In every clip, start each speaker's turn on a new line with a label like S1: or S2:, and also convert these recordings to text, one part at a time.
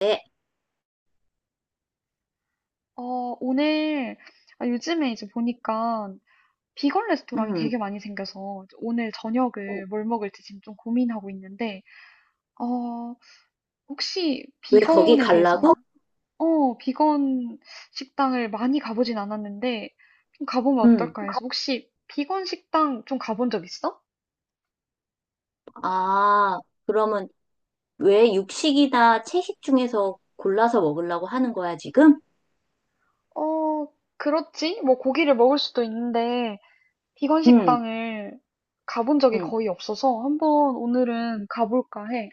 S1: 네.
S2: 오늘, 요즘에 이제 보니까 비건 레스토랑이
S1: 음.
S2: 되게 많이 생겨서 오늘 저녁을 뭘 먹을지 지금 좀 고민하고 있는데, 어, 혹시
S1: 왜 거기
S2: 비건에
S1: 가려
S2: 대해서,
S1: 갈라고?
S2: 비건 식당을 많이 가보진 않았는데, 좀 가보면
S1: 음.
S2: 어떨까 해서 혹시 비건 식당 좀 가본 적 있어?
S1: 아, 그러면 왜 육식이나 채식 중에서 골라서 먹으려고 하는 거야, 지금?
S2: 어, 그렇지. 뭐 고기를 먹을 수도 있는데, 비건
S1: 음.
S2: 식당을 가본 적이
S1: 음.
S2: 거의 없어서 한번 오늘은 가볼까 해.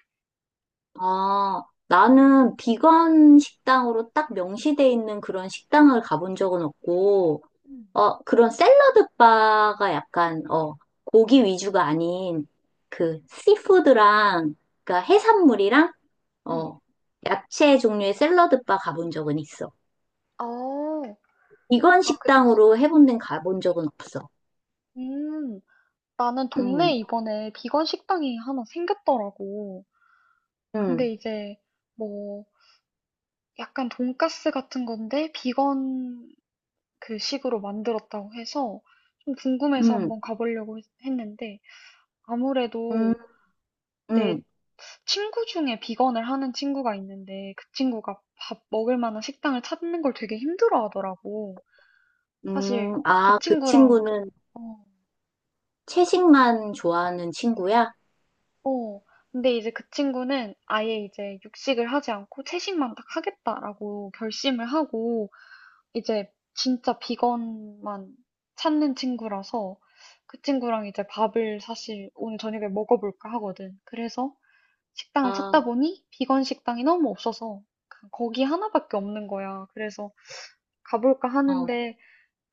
S1: 아, 나는 비건 식당으로 딱 명시돼 있는 그런 식당을 가본 적은 없고,
S2: 음.
S1: 그런 샐러드 바가 약간, 고기 위주가 아닌 그 씨푸드랑, 그러니까 해산물이랑,
S2: 음.
S1: 어, 야채 종류의 샐러드 바 가본 적은 있어.
S2: 어.
S1: 비건
S2: 아 그치.
S1: 식당으로 해본 데는 가본 적은 없어.
S2: 음. 나는 동네에
S1: 음,
S2: 이번에 비건 식당이 하나 생겼더라고.
S1: 음,
S2: 근데 이제 뭐 약간 돈가스 같은 건데 비건 그 식으로 만들었다고 해서 좀 궁금해서
S1: 음,
S2: 한번 가보려고 했는데
S1: 음,
S2: 아무래도 내
S1: 음,
S2: 친구 중에 비건을 하는 친구가 있는데 그 친구가 밥 먹을 만한 식당을 찾는 걸 되게 힘들어 하더라고. 사실 그
S1: 아, 그
S2: 친구랑.
S1: 친구는
S2: 어,
S1: 채식만 좋아하는 친구야?
S2: 어. 근데 이제 그 친구는 아예 이제 육식을 하지 않고 채식만 딱 하겠다라고 결심을 하고 이제 진짜 비건만 찾는 친구라서 그 친구랑 이제 밥을 사실 오늘 저녁에 먹어볼까 하거든. 그래서
S1: 아,
S2: 식당을 찾다
S1: 어,
S2: 보니 비건 식당이 너무 없어서 그냥 거기 하나밖에 없는 거야. 그래서 가볼까 하는데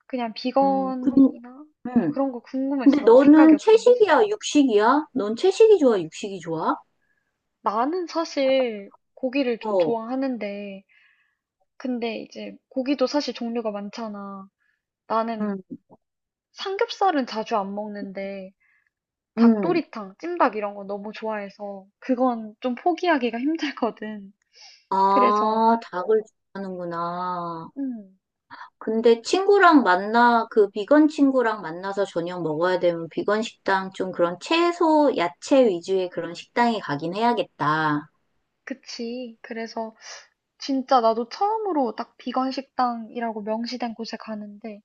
S2: 그냥
S1: 음, 근,
S2: 비건이나 뭐
S1: 음.
S2: 그런 거
S1: 근데
S2: 궁금했어. 생각이
S1: 너는
S2: 어떤지.
S1: 채식이야, 육식이야? 넌 채식이 좋아, 육식이 좋아?
S2: 나는 사실 고기를 좀
S1: 어,
S2: 좋아하는데, 근데 이제 고기도 사실 종류가 많잖아. 나는
S1: 음,
S2: 삼겹살은 자주 안 먹는데,
S1: 음.
S2: 닭도리탕, 찜닭 이런 거 너무 좋아해서, 그건 좀 포기하기가 힘들거든. 그래서,
S1: 아, 닭을 좋아하는구나.
S2: 음,
S1: 근데 그 비건 친구랑 만나서 저녁 먹어야 되면 비건 식당 좀 그런 채소, 야채 위주의 그런 식당에 가긴 해야겠다.
S2: 그치. 그래서 진짜 나도 처음으로 딱 비건 식당이라고 명시된 곳에 가는데,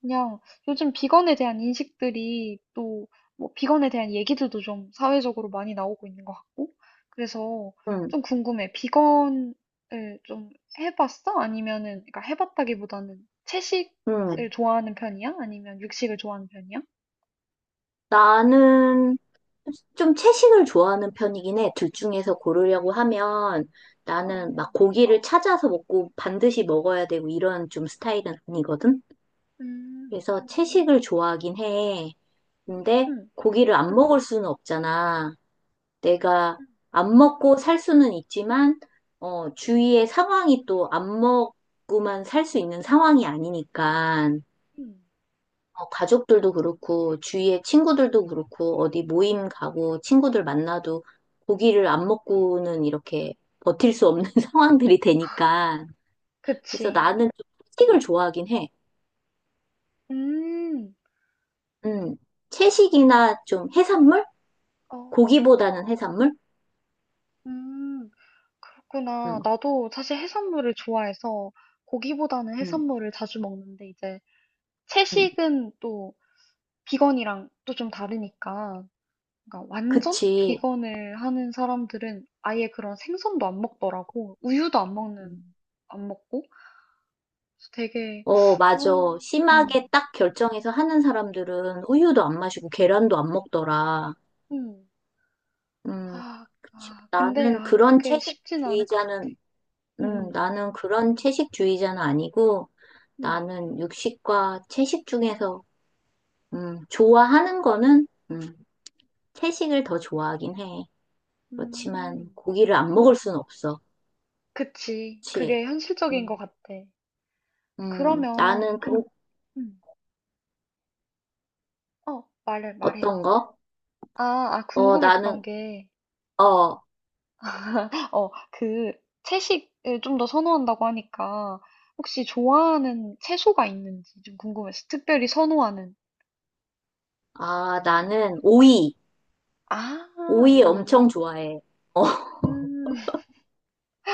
S2: 그냥 요즘 비건에 대한 인식들이 또 뭐 비건에 대한 얘기들도 좀 사회적으로 많이 나오고 있는 것 같고 그래서
S1: 응,
S2: 좀 궁금해. 비건을 좀 해봤어? 아니면은 그러니까 해봤다기보다는
S1: 응.
S2: 채식을 좋아하는 편이야? 아니면 육식을 좋아하는 편이야?
S1: 나는 좀 채식을 좋아하는 편이긴 해. 둘 중에서 고르려고 하면
S2: 어,
S1: 나는 막 고기를 찾아서 먹고 반드시 먹어야 되고 이런 좀 스타일은 아니거든?
S2: 음,
S1: 그래서 채식을 좋아하긴 해. 근데
S2: 음,
S1: 고기를 안 먹을 수는 없잖아. 내가
S2: 음.
S1: 안 먹고 살 수는 있지만, 주위의 상황이 또 안 먹고만 살 수 있는 상황이 아니니까,
S2: 음.
S1: 가족들도 그렇고, 주위의 친구들도 그렇고, 어디 모임 가고, 친구들 만나도 고기를 안 먹고는 이렇게 버틸 수 없는 상황들이 되니까. 그래서
S2: 그치.
S1: 나는 좀 채식을 좋아하긴 해.
S2: 음,
S1: 음, 채식이나 좀 해산물?
S2: 어,
S1: 고기보다는 해산물?
S2: 음,
S1: 음,
S2: 그렇구나. 나도 사실 해산물을 좋아해서 고기보다는
S1: 음,
S2: 해산물을 자주 먹는데 이제
S1: 음.
S2: 채식은 또 비건이랑 또 좀 다르니까 그러니까 완전
S1: 그치.
S2: 비건을 하는 사람들은 아예 그런 생선도 안 먹더라고. 우유도
S1: 음.
S2: 안 먹고. 그래서 되게. 아,
S1: 맞아. 심하게
S2: 음,
S1: 딱 결정해서 하는 사람들은 우유도 안 마시고 계란도 안 먹더라.
S2: 음.
S1: 음,
S2: 아,
S1: 그치.
S2: 근데 그게 쉽진 않을 것 같아. 음,
S1: 나는 그런 채식주의자는 아니고,
S2: 음,
S1: 나는 육식과 채식 중에서, 좋아하는 거는, 채식을 더 좋아하긴 해. 그렇지만
S2: 음.
S1: 고기를 안 먹을 순 없어.
S2: 그치.
S1: 그치.
S2: 그게 현실적인 것
S1: 음,
S2: 같아.
S1: 음,
S2: 그러면
S1: 나는
S2: 좀.
S1: 그,
S2: 음. 말해 말해.
S1: 어떤 거?
S2: 아,
S1: 어,
S2: 궁금했던
S1: 나는,
S2: 게
S1: 어,
S2: 그 채식을 좀 더 선호한다고 하니까 혹시 좋아하는 채소가 있는지 좀 궁금해서 특별히 선호하는.
S1: 나는 오이.
S2: 아,
S1: 오이
S2: 오이.
S1: 엄청 좋아해. 어,
S2: 음,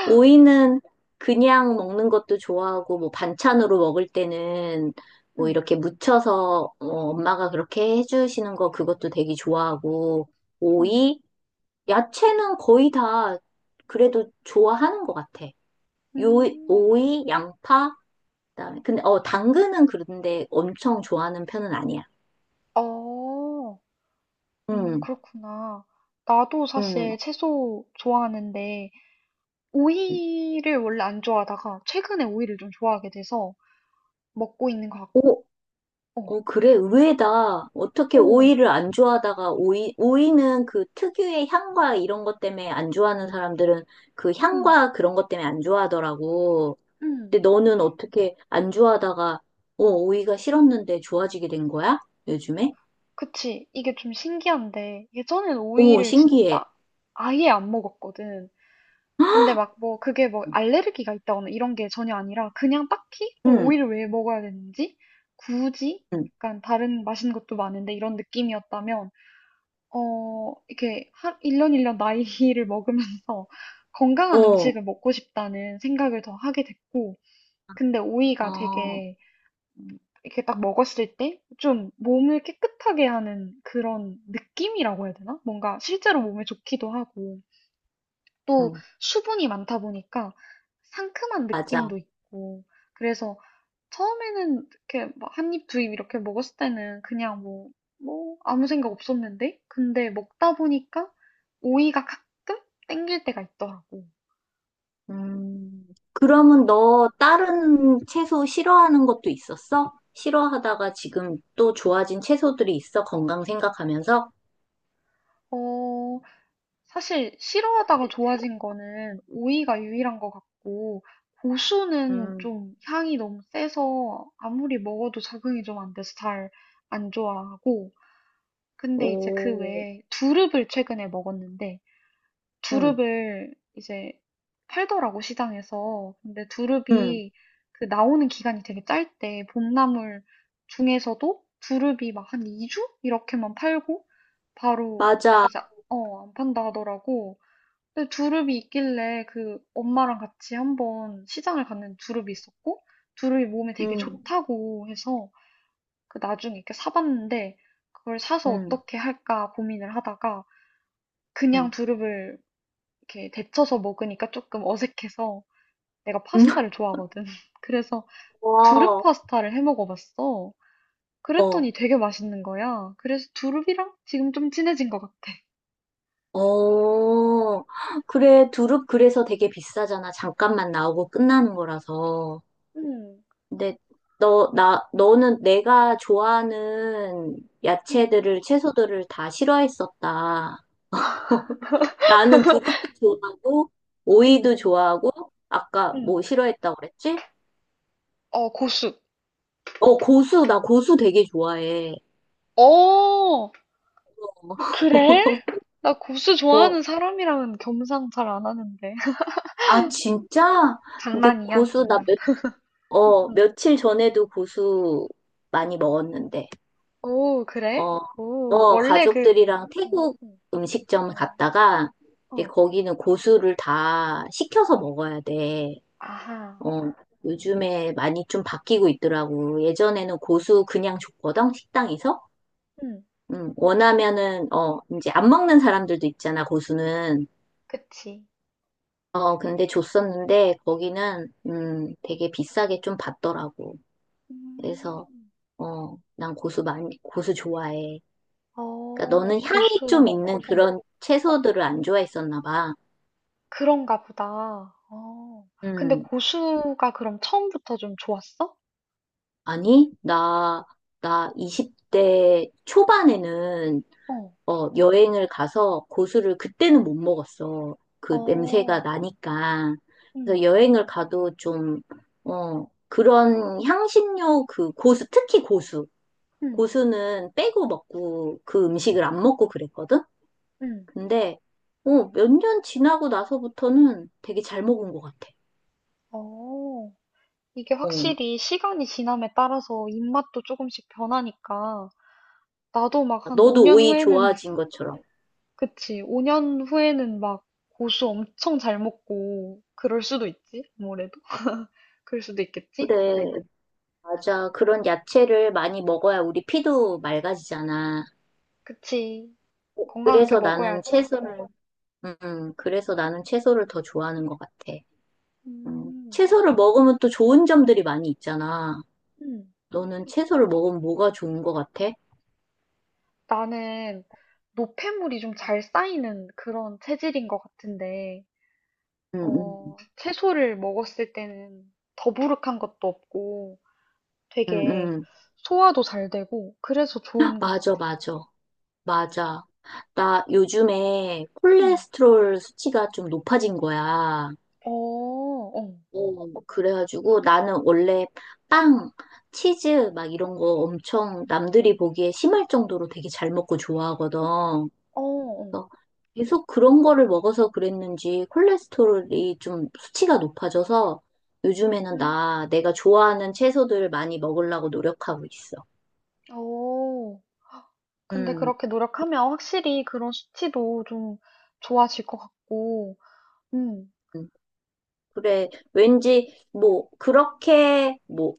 S1: 오이는 그냥 먹는 것도 좋아하고, 뭐 반찬으로 먹을 때는 뭐
S2: 음,
S1: 이렇게 무쳐서 엄마가 그렇게 해주시는 거 그것도 되게 좋아하고,
S2: 음,
S1: 오이, 야채는 거의 다 그래도 좋아하는 것 같아. 요,
S2: 음.
S1: 오이, 양파, 그다음에 근데 당근은 그런데 엄청 좋아하는 편은 아니야.
S2: 어,
S1: 음,
S2: 그렇구나. 나도 사실 채소 좋아하는데
S1: 음.
S2: 오이를 원래 안 좋아하다가 최근에 오이를 좀 좋아하게 돼서 먹고 있는 것 같고, 어,
S1: 그래, 의외다. 어떻게
S2: 오,
S1: 오이를 안 좋아하다가 오이는 그 특유의 향과 이런 것 때문에 안 좋아하는 사람들은 그
S2: 음,
S1: 향과 그런 것 때문에 안 좋아하더라고. 근데
S2: 음.
S1: 너는 어떻게 안 좋아하다가, 오이가 싫었는데 좋아지게 된 거야? 요즘에?
S2: 그치. 이게 좀 신기한데, 예전엔
S1: 오,
S2: 오이를 진짜
S1: 신기해.
S2: 아예 안 먹었거든. 근데 막 뭐, 그게 뭐
S1: 응,
S2: 알레르기가 있다거나 이런 게 전혀 아니라, 그냥 딱히 뭐
S1: 응,
S2: 오이를 왜 먹어야 되는지, 굳이
S1: 응.
S2: 약간 다른 맛있는 것도 많은데 이런 느낌이었다면, 이렇게 1년 1년 나이를 먹으면서 건강한
S1: 어,
S2: 음식을 먹고 싶다는 생각을 더 하게 됐고, 근데 오이가
S1: 어,
S2: 되게. 음, 이렇게 딱 먹었을 때 좀 몸을 깨끗하게 하는 그런 느낌이라고 해야 되나? 뭔가 실제로 몸에 좋기도 하고 또
S1: 응,
S2: 수분이 많다 보니까 상큼한
S1: 맞아.
S2: 느낌도 있고 그래서 처음에는 이렇게 막 한 입, 두입 이렇게 먹었을 때는 그냥 뭐 아무 생각 없었는데 근데 먹다 보니까 오이가 가끔 땡길 때가 있더라고.
S1: 음, 그러면 너 다른 채소 싫어하는 것도 있었어? 싫어하다가 지금 또 좋아진 채소들이 있어? 건강 생각하면서?
S2: 어, 사실 싫어하다가 좋아진 거는 오이가 유일한 것 같고 고수는
S1: 음,
S2: 좀 향이 너무 세서 아무리 먹어도 적응이 좀 안 돼서 잘 안 좋아하고 근데 이제 그
S1: 오,
S2: 외에 두릅을 최근에 먹었는데
S1: 음,
S2: 두릅을 이제 팔더라고 시장에서 근데
S1: 음,
S2: 두릅이 그 나오는 기간이 되게 짧대 봄나물 중에서도 두릅이 막 한 2주 이렇게만 팔고 바로
S1: 맞아.
S2: 이제 안 판다 하더라고. 근데 두릅이 있길래 그 엄마랑 같이 한번 시장을 갔는데 두릅이 있었고 두릅이 몸에 되게
S1: 음,
S2: 좋다고 해서 그 나중에 이렇게 사봤는데 그걸 사서
S1: 음,
S2: 어떻게 할까 고민을 하다가
S1: 음,
S2: 그냥
S1: 음.
S2: 두릅을 이렇게 데쳐서 먹으니까 조금 어색해서 내가 파스타를 좋아하거든. 그래서 두릅
S1: 와,
S2: 파스타를 해 먹어봤어.
S1: 어,
S2: 그랬더니 되게 맛있는 거야. 그래서 두릅이랑 지금 좀 친해진 것 같아.
S1: 어. 그래, 두릅 그래서 되게 비싸잖아. 잠깐만 나오고 끝나는 거라서.
S2: 응,
S1: 근데 너는 내가 좋아하는
S2: 응,
S1: 채소들을 다 싫어했었다. 나는 두릅도 좋아하고,
S2: 응,
S1: 오이도 좋아하고, 아까
S2: 응.
S1: 뭐 싫어했다고 그랬지?
S2: 어, 고수.
S1: 나 고수 되게 좋아해.
S2: 어! 그래? 나 고수
S1: 어,
S2: 좋아하는 사람이랑은 겸상 잘 안 하는데.
S1: 진짜? 근데
S2: 장난이야,
S1: 고수, 나
S2: 장난.
S1: 몇, 어,
S2: 응.
S1: 며칠 전에도 고수 많이 먹었는데.
S2: 오, 그래?
S1: 어,
S2: 오, 원래 그,
S1: 가족들이랑
S2: 응,
S1: 태국
S2: 응,
S1: 음식점
S2: 어,
S1: 갔다가, 근데
S2: 어,
S1: 거기는 고수를 다 시켜서 먹어야 돼.
S2: 아하,
S1: 어, 요즘에 많이 좀 바뀌고 있더라고. 예전에는 고수 그냥 줬거든, 식당에서.
S2: 응,
S1: 원하면은, 이제 안 먹는 사람들도 있잖아, 고수는.
S2: 그치.
S1: 근데 줬었는데, 거기는, 되게 비싸게 좀 받더라고. 그래서,
S2: 음,
S1: 난 고수 좋아해. 그러니까 너는 향이
S2: 고수,
S1: 좀 있는
S2: 어,
S1: 그런 채소들을 안 좋아했었나 봐.
S2: 그런가 보다. 어, 근데
S1: 음,
S2: 고수가 그럼 처음부터 좀 좋았어?
S1: 아니, 나 20대 초반에는
S2: 어,
S1: 여행을 가서 고수를 그때는 못 먹었어. 그 냄새가
S2: 어,
S1: 나니까. 그래서
S2: 응,
S1: 여행을 가도 좀, 그런 향신료 그 고수, 특히 고수.
S2: 응,
S1: 고수는 빼고 먹고 그 음식을 안 먹고 그랬거든?
S2: 응,
S1: 근데, 몇 년 지나고 나서부터는 되게 잘 먹은 것 같아.
S2: 어. 이게
S1: 어.
S2: 확실히 시간이 지남에 따라서 입맛도 조금씩 변하니까 나도 막 한
S1: 너도
S2: 5년
S1: 오이
S2: 후에는
S1: 좋아진 것처럼.
S2: 그치 5년 후에는 막 고수 엄청 잘 먹고 그럴 수도 있지 아무래도 그럴 수도
S1: 네.
S2: 있겠지
S1: 그래, 맞아. 그런 야채를 많이 먹어야 우리 피도 맑아지잖아.
S2: 그치 건강하게
S1: 그래서 나는
S2: 먹어야지.
S1: 채소를, 그래서 나는 채소를 더 좋아하는 것 같아.
S2: 음,
S1: 채소를 먹으면 또 좋은 점들이 많이 있잖아.
S2: 음.
S1: 너는 채소를 먹으면 뭐가 좋은 것 같아?
S2: 나는 노폐물이 좀 잘 쌓이는 그런 체질인 것 같은데
S1: 응 응.
S2: 채소를 먹었을 때는 더부룩한 것도 없고
S1: 응 응.
S2: 되게
S1: 응.
S2: 소화도 잘 되고 그래서 좋은 것 같아.
S1: 맞아, 맞아. 맞아. 나 요즘에
S2: 음.
S1: 콜레스테롤 수치가 좀 높아진 거야.
S2: 어, 어,
S1: 그래가지고 나는 원래 빵, 치즈 막 이런 거 엄청 남들이 보기에 심할 정도로 되게 잘 먹고 좋아하거든.
S2: 어, 어.
S1: 그래서 계속 그런 거를 먹어서 그랬는지 콜레스테롤이 좀 수치가 높아져서 요즘에는
S2: 음.
S1: 나 내가 좋아하는 채소들 많이 먹으려고 노력하고 있어.
S2: 오. 근데
S1: 음.
S2: 그렇게 노력하면 확실히 그런 수치도 좀 좋아질 것 같고, 음,
S1: 음. 그래, 왠지, 뭐, 그렇게, 뭐,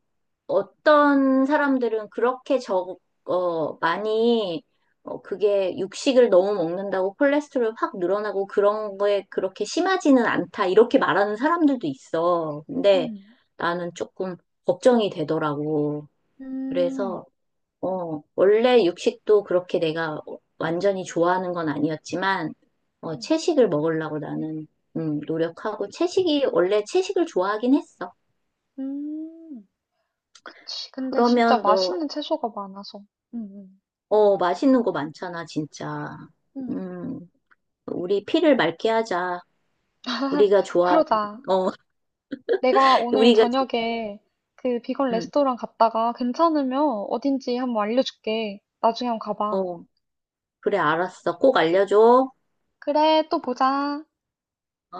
S1: 어떤 사람들은 그렇게 저 많이, 그게 육식을 너무 먹는다고 콜레스테롤 확 늘어나고 그런 거에 그렇게 심하지는 않다, 이렇게 말하는 사람들도 있어. 근데
S2: 음.
S1: 나는 조금 걱정이 되더라고.
S2: 음,
S1: 그래서, 원래 육식도 그렇게 내가 완전히 좋아하는 건 아니었지만,
S2: 음,
S1: 채식을 먹으려고 나는, 노력하고, 원래 채식을 좋아하긴 했어.
S2: 음. 그치. 근데 진짜
S1: 그러면 너,
S2: 맛있는 채소가 많아서, 음,
S1: 맛있는 거 많잖아, 진짜.
S2: 음.
S1: 음, 우리 피를 맑게 하자. 우리가 좋아하는,
S2: 그러자.
S1: 어,
S2: 내가 오늘
S1: 우리가, 좋-
S2: 저녁에 그 비건
S1: 음,
S2: 레스토랑 갔다가 괜찮으면 어딘지 한번 알려줄게. 나중에 한번 가봐.
S1: 어, 그래, 알았어. 꼭 알려줘.
S2: 그래, 또 보자.
S1: 어.